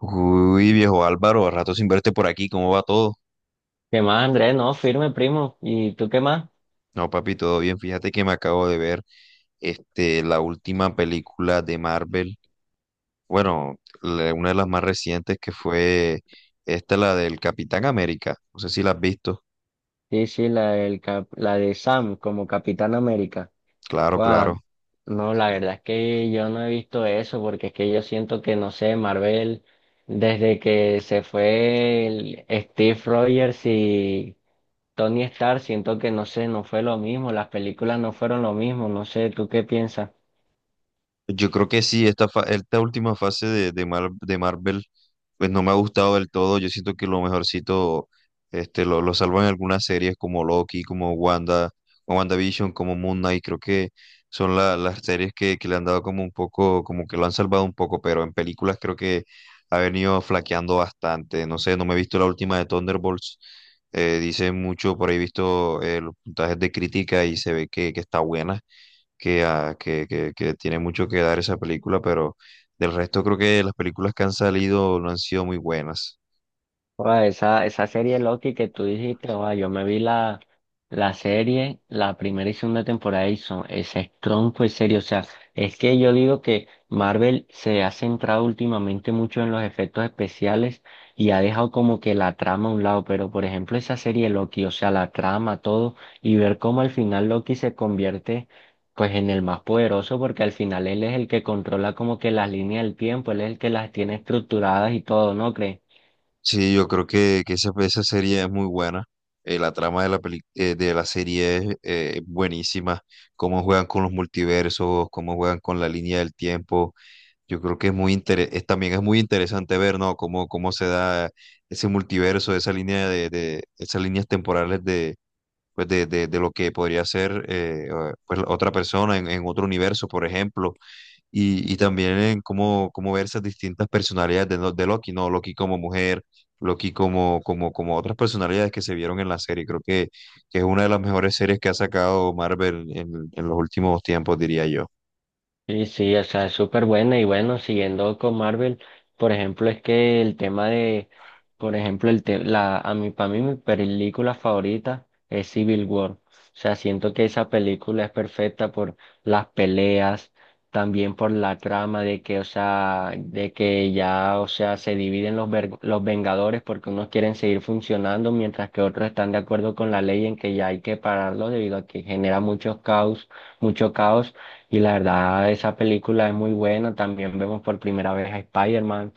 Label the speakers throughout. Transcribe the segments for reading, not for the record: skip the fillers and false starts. Speaker 1: Uy, viejo Álvaro, rato sin verte por aquí, ¿cómo va todo?
Speaker 2: ¿Qué más, Andrés? No, firme, primo. ¿Y tú qué más?
Speaker 1: No, papi, todo bien. Fíjate que me acabo de ver la última película de Marvel. Bueno, una de las más recientes que fue esta, la del Capitán América. No sé si la has visto.
Speaker 2: Sí, la, del la de Sam como Capitán América.
Speaker 1: Claro,
Speaker 2: Guau,
Speaker 1: claro.
Speaker 2: no, la verdad es que yo no he visto eso porque es que yo siento que, no sé, Marvel, desde que se fue el Steve Rogers y Tony Stark, siento que, no sé, no fue lo mismo, las películas no fueron lo mismo, no sé, ¿tú qué piensas?
Speaker 1: Yo creo que sí, esta, esta última fase de de Marvel, pues no me ha gustado del todo. Yo siento que lo mejorcito lo salvan algunas series como Loki, como Wanda, como WandaVision, como Moon Knight. Creo que son las series que le han dado como un poco, como que lo han salvado un poco, pero en películas creo que ha venido flaqueando bastante. No sé, no me he visto la última de Thunderbolts. Dicen mucho, por ahí he visto los puntajes de crítica y se ve que está buena que tiene mucho que dar esa película, pero del resto creo que las películas que han salido no han sido muy buenas.
Speaker 2: Joda, esa serie Loki que tú dijiste, joda, yo la serie, la primera y segunda temporada y son, ese tronco es serio. O sea, es que yo digo que Marvel se ha centrado últimamente mucho en los efectos especiales y ha dejado como que la trama a un lado. Pero por ejemplo, esa serie Loki, o sea, la trama, todo, y ver cómo al final Loki se convierte pues en el más poderoso, porque al final él es el que controla como que las líneas del tiempo, él es el que las tiene estructuradas y todo, ¿no crees?
Speaker 1: Sí, yo creo que esa serie es muy buena. La trama de de la serie es buenísima. Cómo juegan con los multiversos, cómo juegan con la línea del tiempo. Yo creo que es muy es, también es muy interesante ver, ¿no? Cómo, cómo se da ese multiverso, esa línea de esas líneas temporales de, de lo que podría ser pues otra persona en otro universo, por ejemplo y también en cómo, cómo ver esas distintas personalidades de Loki, ¿no? Loki como mujer, Loki como otras personalidades que se vieron en la serie. Creo que es una de las mejores series que ha sacado Marvel en los últimos tiempos, diría yo.
Speaker 2: Sí, o sea, es súper buena y bueno, siguiendo con Marvel, por ejemplo, es que por ejemplo, a mí, para mí mi película favorita es Civil War. O sea, siento que esa película es perfecta por las peleas, también por la trama de que, o sea, de que ya, o sea, se dividen los Vengadores porque unos quieren seguir funcionando mientras que otros están de acuerdo con la ley en que ya hay que pararlo debido a que genera muchos caos, mucho caos. Y la verdad, esa película es muy buena. También vemos por primera vez a Spider-Man.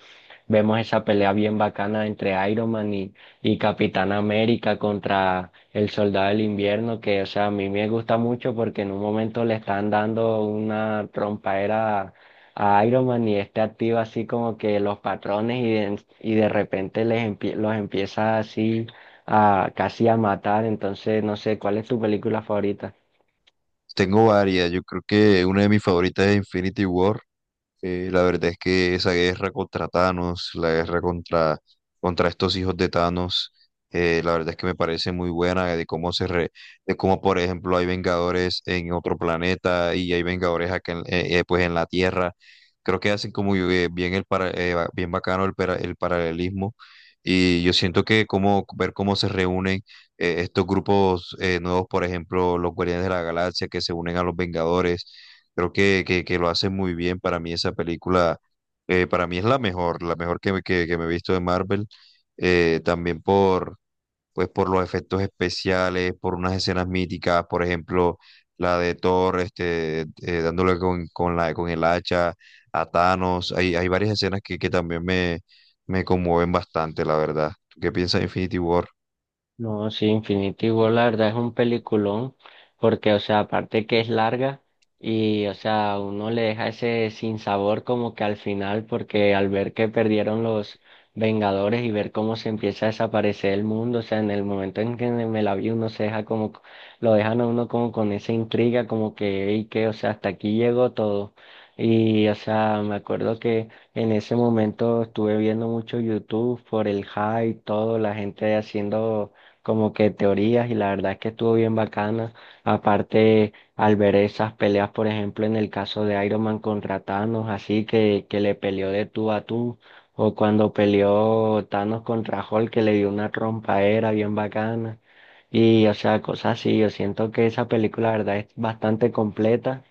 Speaker 2: Vemos esa pelea bien bacana entre y Capitán América contra el Soldado del Invierno, que, o sea, a mí me gusta mucho porque en un momento le están dando una trompaera a Iron Man y este activa así como que los patrones y de repente los empieza así a casi a matar. Entonces, no sé, ¿cuál es tu película favorita?
Speaker 1: Tengo varias, yo creo que una de mis favoritas es Infinity War. La verdad es que esa guerra contra Thanos, la guerra contra, contra estos hijos de Thanos, la verdad es que me parece muy buena de cómo de cómo, por ejemplo, hay Vengadores en otro planeta y hay Vengadores acá en, pues en la Tierra. Creo que hacen como bien bien bacano el paralelismo. Y yo siento que como ver cómo se reúnen estos grupos nuevos, por ejemplo, los Guardianes de la Galaxia que se unen a los Vengadores. Creo que lo hace muy bien. Para mí esa película, para mí es la mejor que me he visto de Marvel. También por, pues por los efectos especiales, por unas escenas míticas, por ejemplo, la de Thor, dándole con la, con el hacha a Thanos. Hay varias escenas que también me conmueven bastante, la verdad. ¿Tú qué piensas de Infinity War?
Speaker 2: No, sí, Infinity War la verdad es un peliculón, porque, o sea, aparte que es larga y, o sea, uno le deja ese sinsabor como que al final, porque al ver que perdieron los Vengadores y ver cómo se empieza a desaparecer el mundo, o sea, en el momento en que me la vi, uno se deja como, lo dejan a uno como con esa intriga, como que, y que, o sea, hasta aquí llegó todo. Y, o sea, me acuerdo que en ese momento estuve viendo mucho YouTube por el hype, todo, la gente haciendo como que teorías y la verdad es que estuvo bien bacana. Aparte, al ver esas peleas, por ejemplo, en el caso de Iron Man contra Thanos, así que le peleó de tú a tú, o cuando peleó Thanos contra Hulk, que le dio una trompaera bien bacana. Y, o sea, cosas así, yo siento que esa película, la verdad, es bastante completa.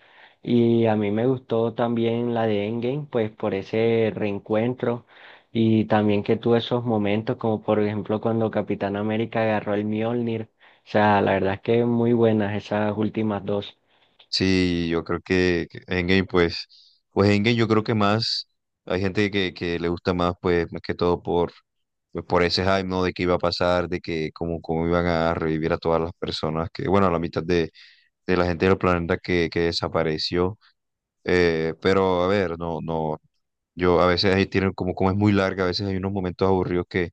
Speaker 2: Y a mí me gustó también la de Endgame, pues por ese reencuentro. Y también que tuve esos momentos, como por ejemplo cuando Capitán América agarró el Mjolnir. O sea, la verdad es que muy buenas esas últimas dos.
Speaker 1: Sí, yo creo que Endgame, pues, pues Endgame yo creo que más, hay gente que le gusta más, pues, más que todo por, pues, por ese hype, ¿no? De qué iba a pasar, de que cómo, cómo iban a revivir a todas las personas, que, bueno, a la mitad de la gente del planeta que desapareció. Pero, a ver, no, no, yo a veces ahí tienen como, como es muy larga, a veces hay unos momentos aburridos que,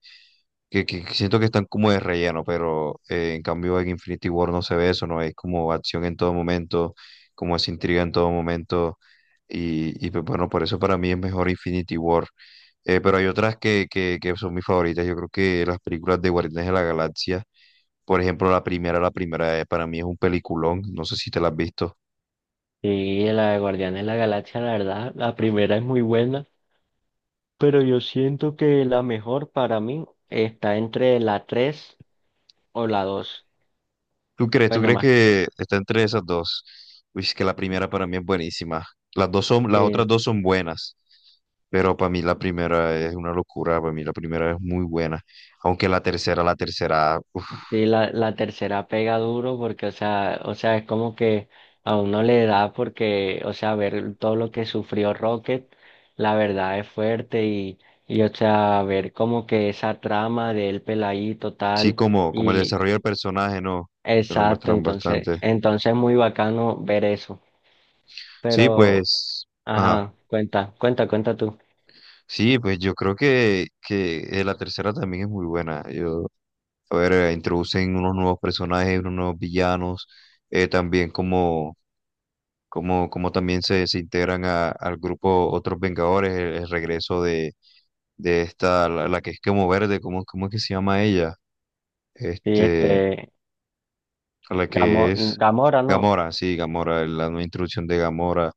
Speaker 1: que, que siento que están como de relleno, pero en cambio en Infinity War no se ve eso, ¿no? Es como acción en todo momento como esa intriga en todo momento. Y pues bueno, por eso para mí es mejor Infinity War. Pero hay otras que son mis favoritas. Yo creo que las películas de Guardianes de la Galaxia, por ejemplo, la primera para mí es un peliculón. No sé si te la has visto.
Speaker 2: Sí, y la de Guardianes de la Galaxia, la verdad, la primera es muy buena. Pero yo siento que la mejor para mí está entre la 3 o la dos.
Speaker 1: ¿Tú crees? ¿Tú
Speaker 2: Bueno,
Speaker 1: crees
Speaker 2: más.
Speaker 1: que está entre esas dos? Uy, es que la primera para mí es buenísima. Las dos son, las otras
Speaker 2: Sí,
Speaker 1: dos son buenas. Pero para mí la primera es una locura, para mí la primera es muy buena, aunque la tercera, uf.
Speaker 2: sí, la tercera pega duro porque, o sea, es como que a uno le da porque, o sea, ver todo lo que sufrió Rocket, la verdad es fuerte y, o sea, ver como que esa trama de él peladito
Speaker 1: Sí,
Speaker 2: tal
Speaker 1: como, como el
Speaker 2: y
Speaker 1: desarrollo del personaje, ¿no? Que lo
Speaker 2: exacto,
Speaker 1: muestran bastante.
Speaker 2: entonces es muy bacano ver eso.
Speaker 1: Sí,
Speaker 2: Pero,
Speaker 1: pues, ajá.
Speaker 2: ajá, cuenta, cuenta, cuenta tú.
Speaker 1: Sí, pues yo creo que la tercera también es muy buena. Yo, a ver, introducen unos nuevos personajes, unos nuevos villanos, también como también se integran al grupo Otros Vengadores, el regreso de esta, la que es como verde, ¿cómo, cómo es que se llama ella?
Speaker 2: Sí,
Speaker 1: Este,
Speaker 2: este,
Speaker 1: a la que
Speaker 2: Gamo-
Speaker 1: es
Speaker 2: Gamora, no,
Speaker 1: Gamora, sí, Gamora, la nueva introducción de Gamora,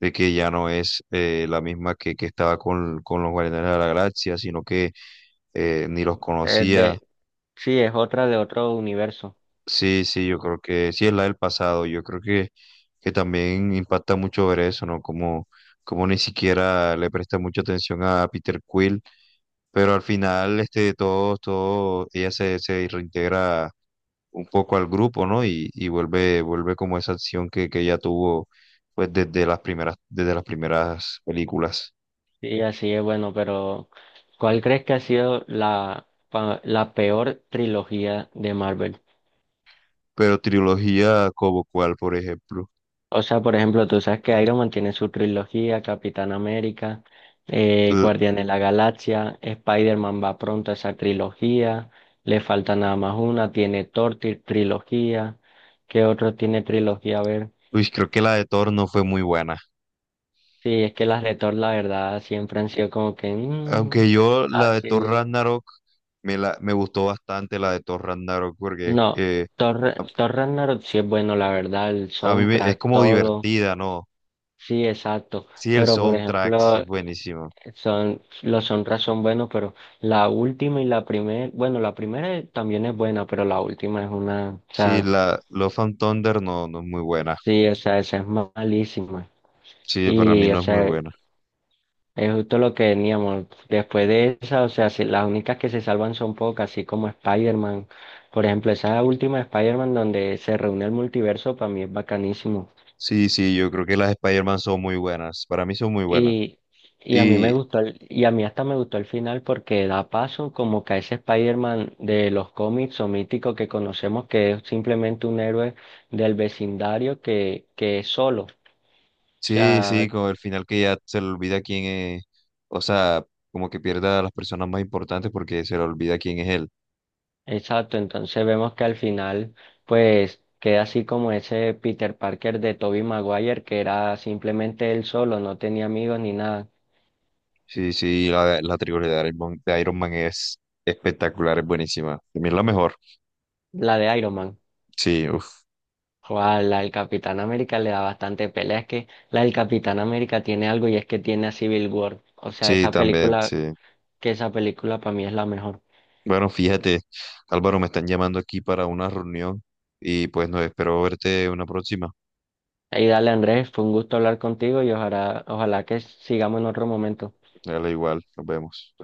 Speaker 1: de que ya no es la misma que estaba con los Guardianes de la Galaxia, sino que ni los
Speaker 2: es
Speaker 1: conocía.
Speaker 2: de, sí, es otra de otro universo.
Speaker 1: Sí, sí, yo creo que sí es la del pasado, yo creo que también impacta mucho ver eso, ¿no? Como, como ni siquiera le presta mucha atención a Peter Quill, pero al final todos, todos, ella se, se reintegra un poco al grupo, ¿no? Y vuelve, vuelve como esa acción que ella tuvo pues desde las primeras películas.
Speaker 2: Sí, así es, bueno, pero ¿cuál crees que ha sido la peor trilogía de Marvel?
Speaker 1: Pero trilogía como cuál, por ejemplo.
Speaker 2: O sea, por ejemplo, tú sabes que Iron Man tiene su trilogía, Capitán América,
Speaker 1: L-
Speaker 2: Guardián de la Galaxia, Spider-Man va pronto a esa trilogía, le falta nada más una, tiene Thor trilogía, ¿qué otro tiene trilogía? A ver,
Speaker 1: Uy, creo que la de Thor no fue muy buena.
Speaker 2: sí, es que las de Thor, la verdad, siempre han sido como que...
Speaker 1: Aunque
Speaker 2: mm,
Speaker 1: yo la de Thor
Speaker 2: así.
Speaker 1: Ragnarok me gustó bastante la de Thor Ragnarok porque
Speaker 2: No, Thor Ragnarok sí es bueno, la verdad, el
Speaker 1: a es
Speaker 2: soundtrack,
Speaker 1: como
Speaker 2: todo,
Speaker 1: divertida, ¿no?
Speaker 2: sí, exacto,
Speaker 1: Sí, el
Speaker 2: pero por
Speaker 1: soundtrack sí es
Speaker 2: ejemplo,
Speaker 1: buenísimo.
Speaker 2: son, los soundtracks son buenos, pero la última y la primera, bueno, la primera también es buena, pero la última es una, o
Speaker 1: Sí,
Speaker 2: sea,
Speaker 1: la Love and Thunder no, no es muy buena.
Speaker 2: sí, o sea, esa es malísima,
Speaker 1: Sí, para mí
Speaker 2: y o
Speaker 1: no es muy
Speaker 2: sea,
Speaker 1: buena.
Speaker 2: es justo lo que veníamos, después de esa, o sea, las únicas que se salvan son pocas, así como Spider-Man, por ejemplo, esa última de Spider-Man donde se reúne el multiverso, para mí es bacanísimo.
Speaker 1: Sí, sí, yo creo que las Spider-Man son muy buenas. Para mí son muy buenas.
Speaker 2: Y, y a mí me
Speaker 1: Y
Speaker 2: gustó, y a mí hasta me gustó el final porque da paso como que a ese Spider-Man de los cómics o mítico que conocemos que es simplemente un héroe del vecindario que es solo. O
Speaker 1: sí, sí,
Speaker 2: sea,
Speaker 1: con el final que ya se le olvida quién es. O sea, como que pierda a las personas más importantes porque se le olvida quién es él.
Speaker 2: exacto, entonces vemos que al final pues queda así como ese Peter Parker de Tobey Maguire que era simplemente él solo, no tenía amigos ni nada,
Speaker 1: Sí, sí, la trilogía de Iron Man es espectacular, es buenísima. También es la mejor.
Speaker 2: la de Iron Man.
Speaker 1: Sí, uf,
Speaker 2: Joa, la del Capitán América le da bastante pelea. Es que la del Capitán América tiene algo y es que tiene a Civil War. O sea,
Speaker 1: sí,
Speaker 2: esa
Speaker 1: también,
Speaker 2: película,
Speaker 1: sí.
Speaker 2: que esa película para mí es la mejor.
Speaker 1: Bueno, fíjate, Álvaro, me están llamando aquí para una reunión y pues no espero verte una próxima.
Speaker 2: Y dale, Andrés, fue un gusto hablar contigo y ojalá, ojalá que sigamos en otro momento.
Speaker 1: Dale igual, nos vemos.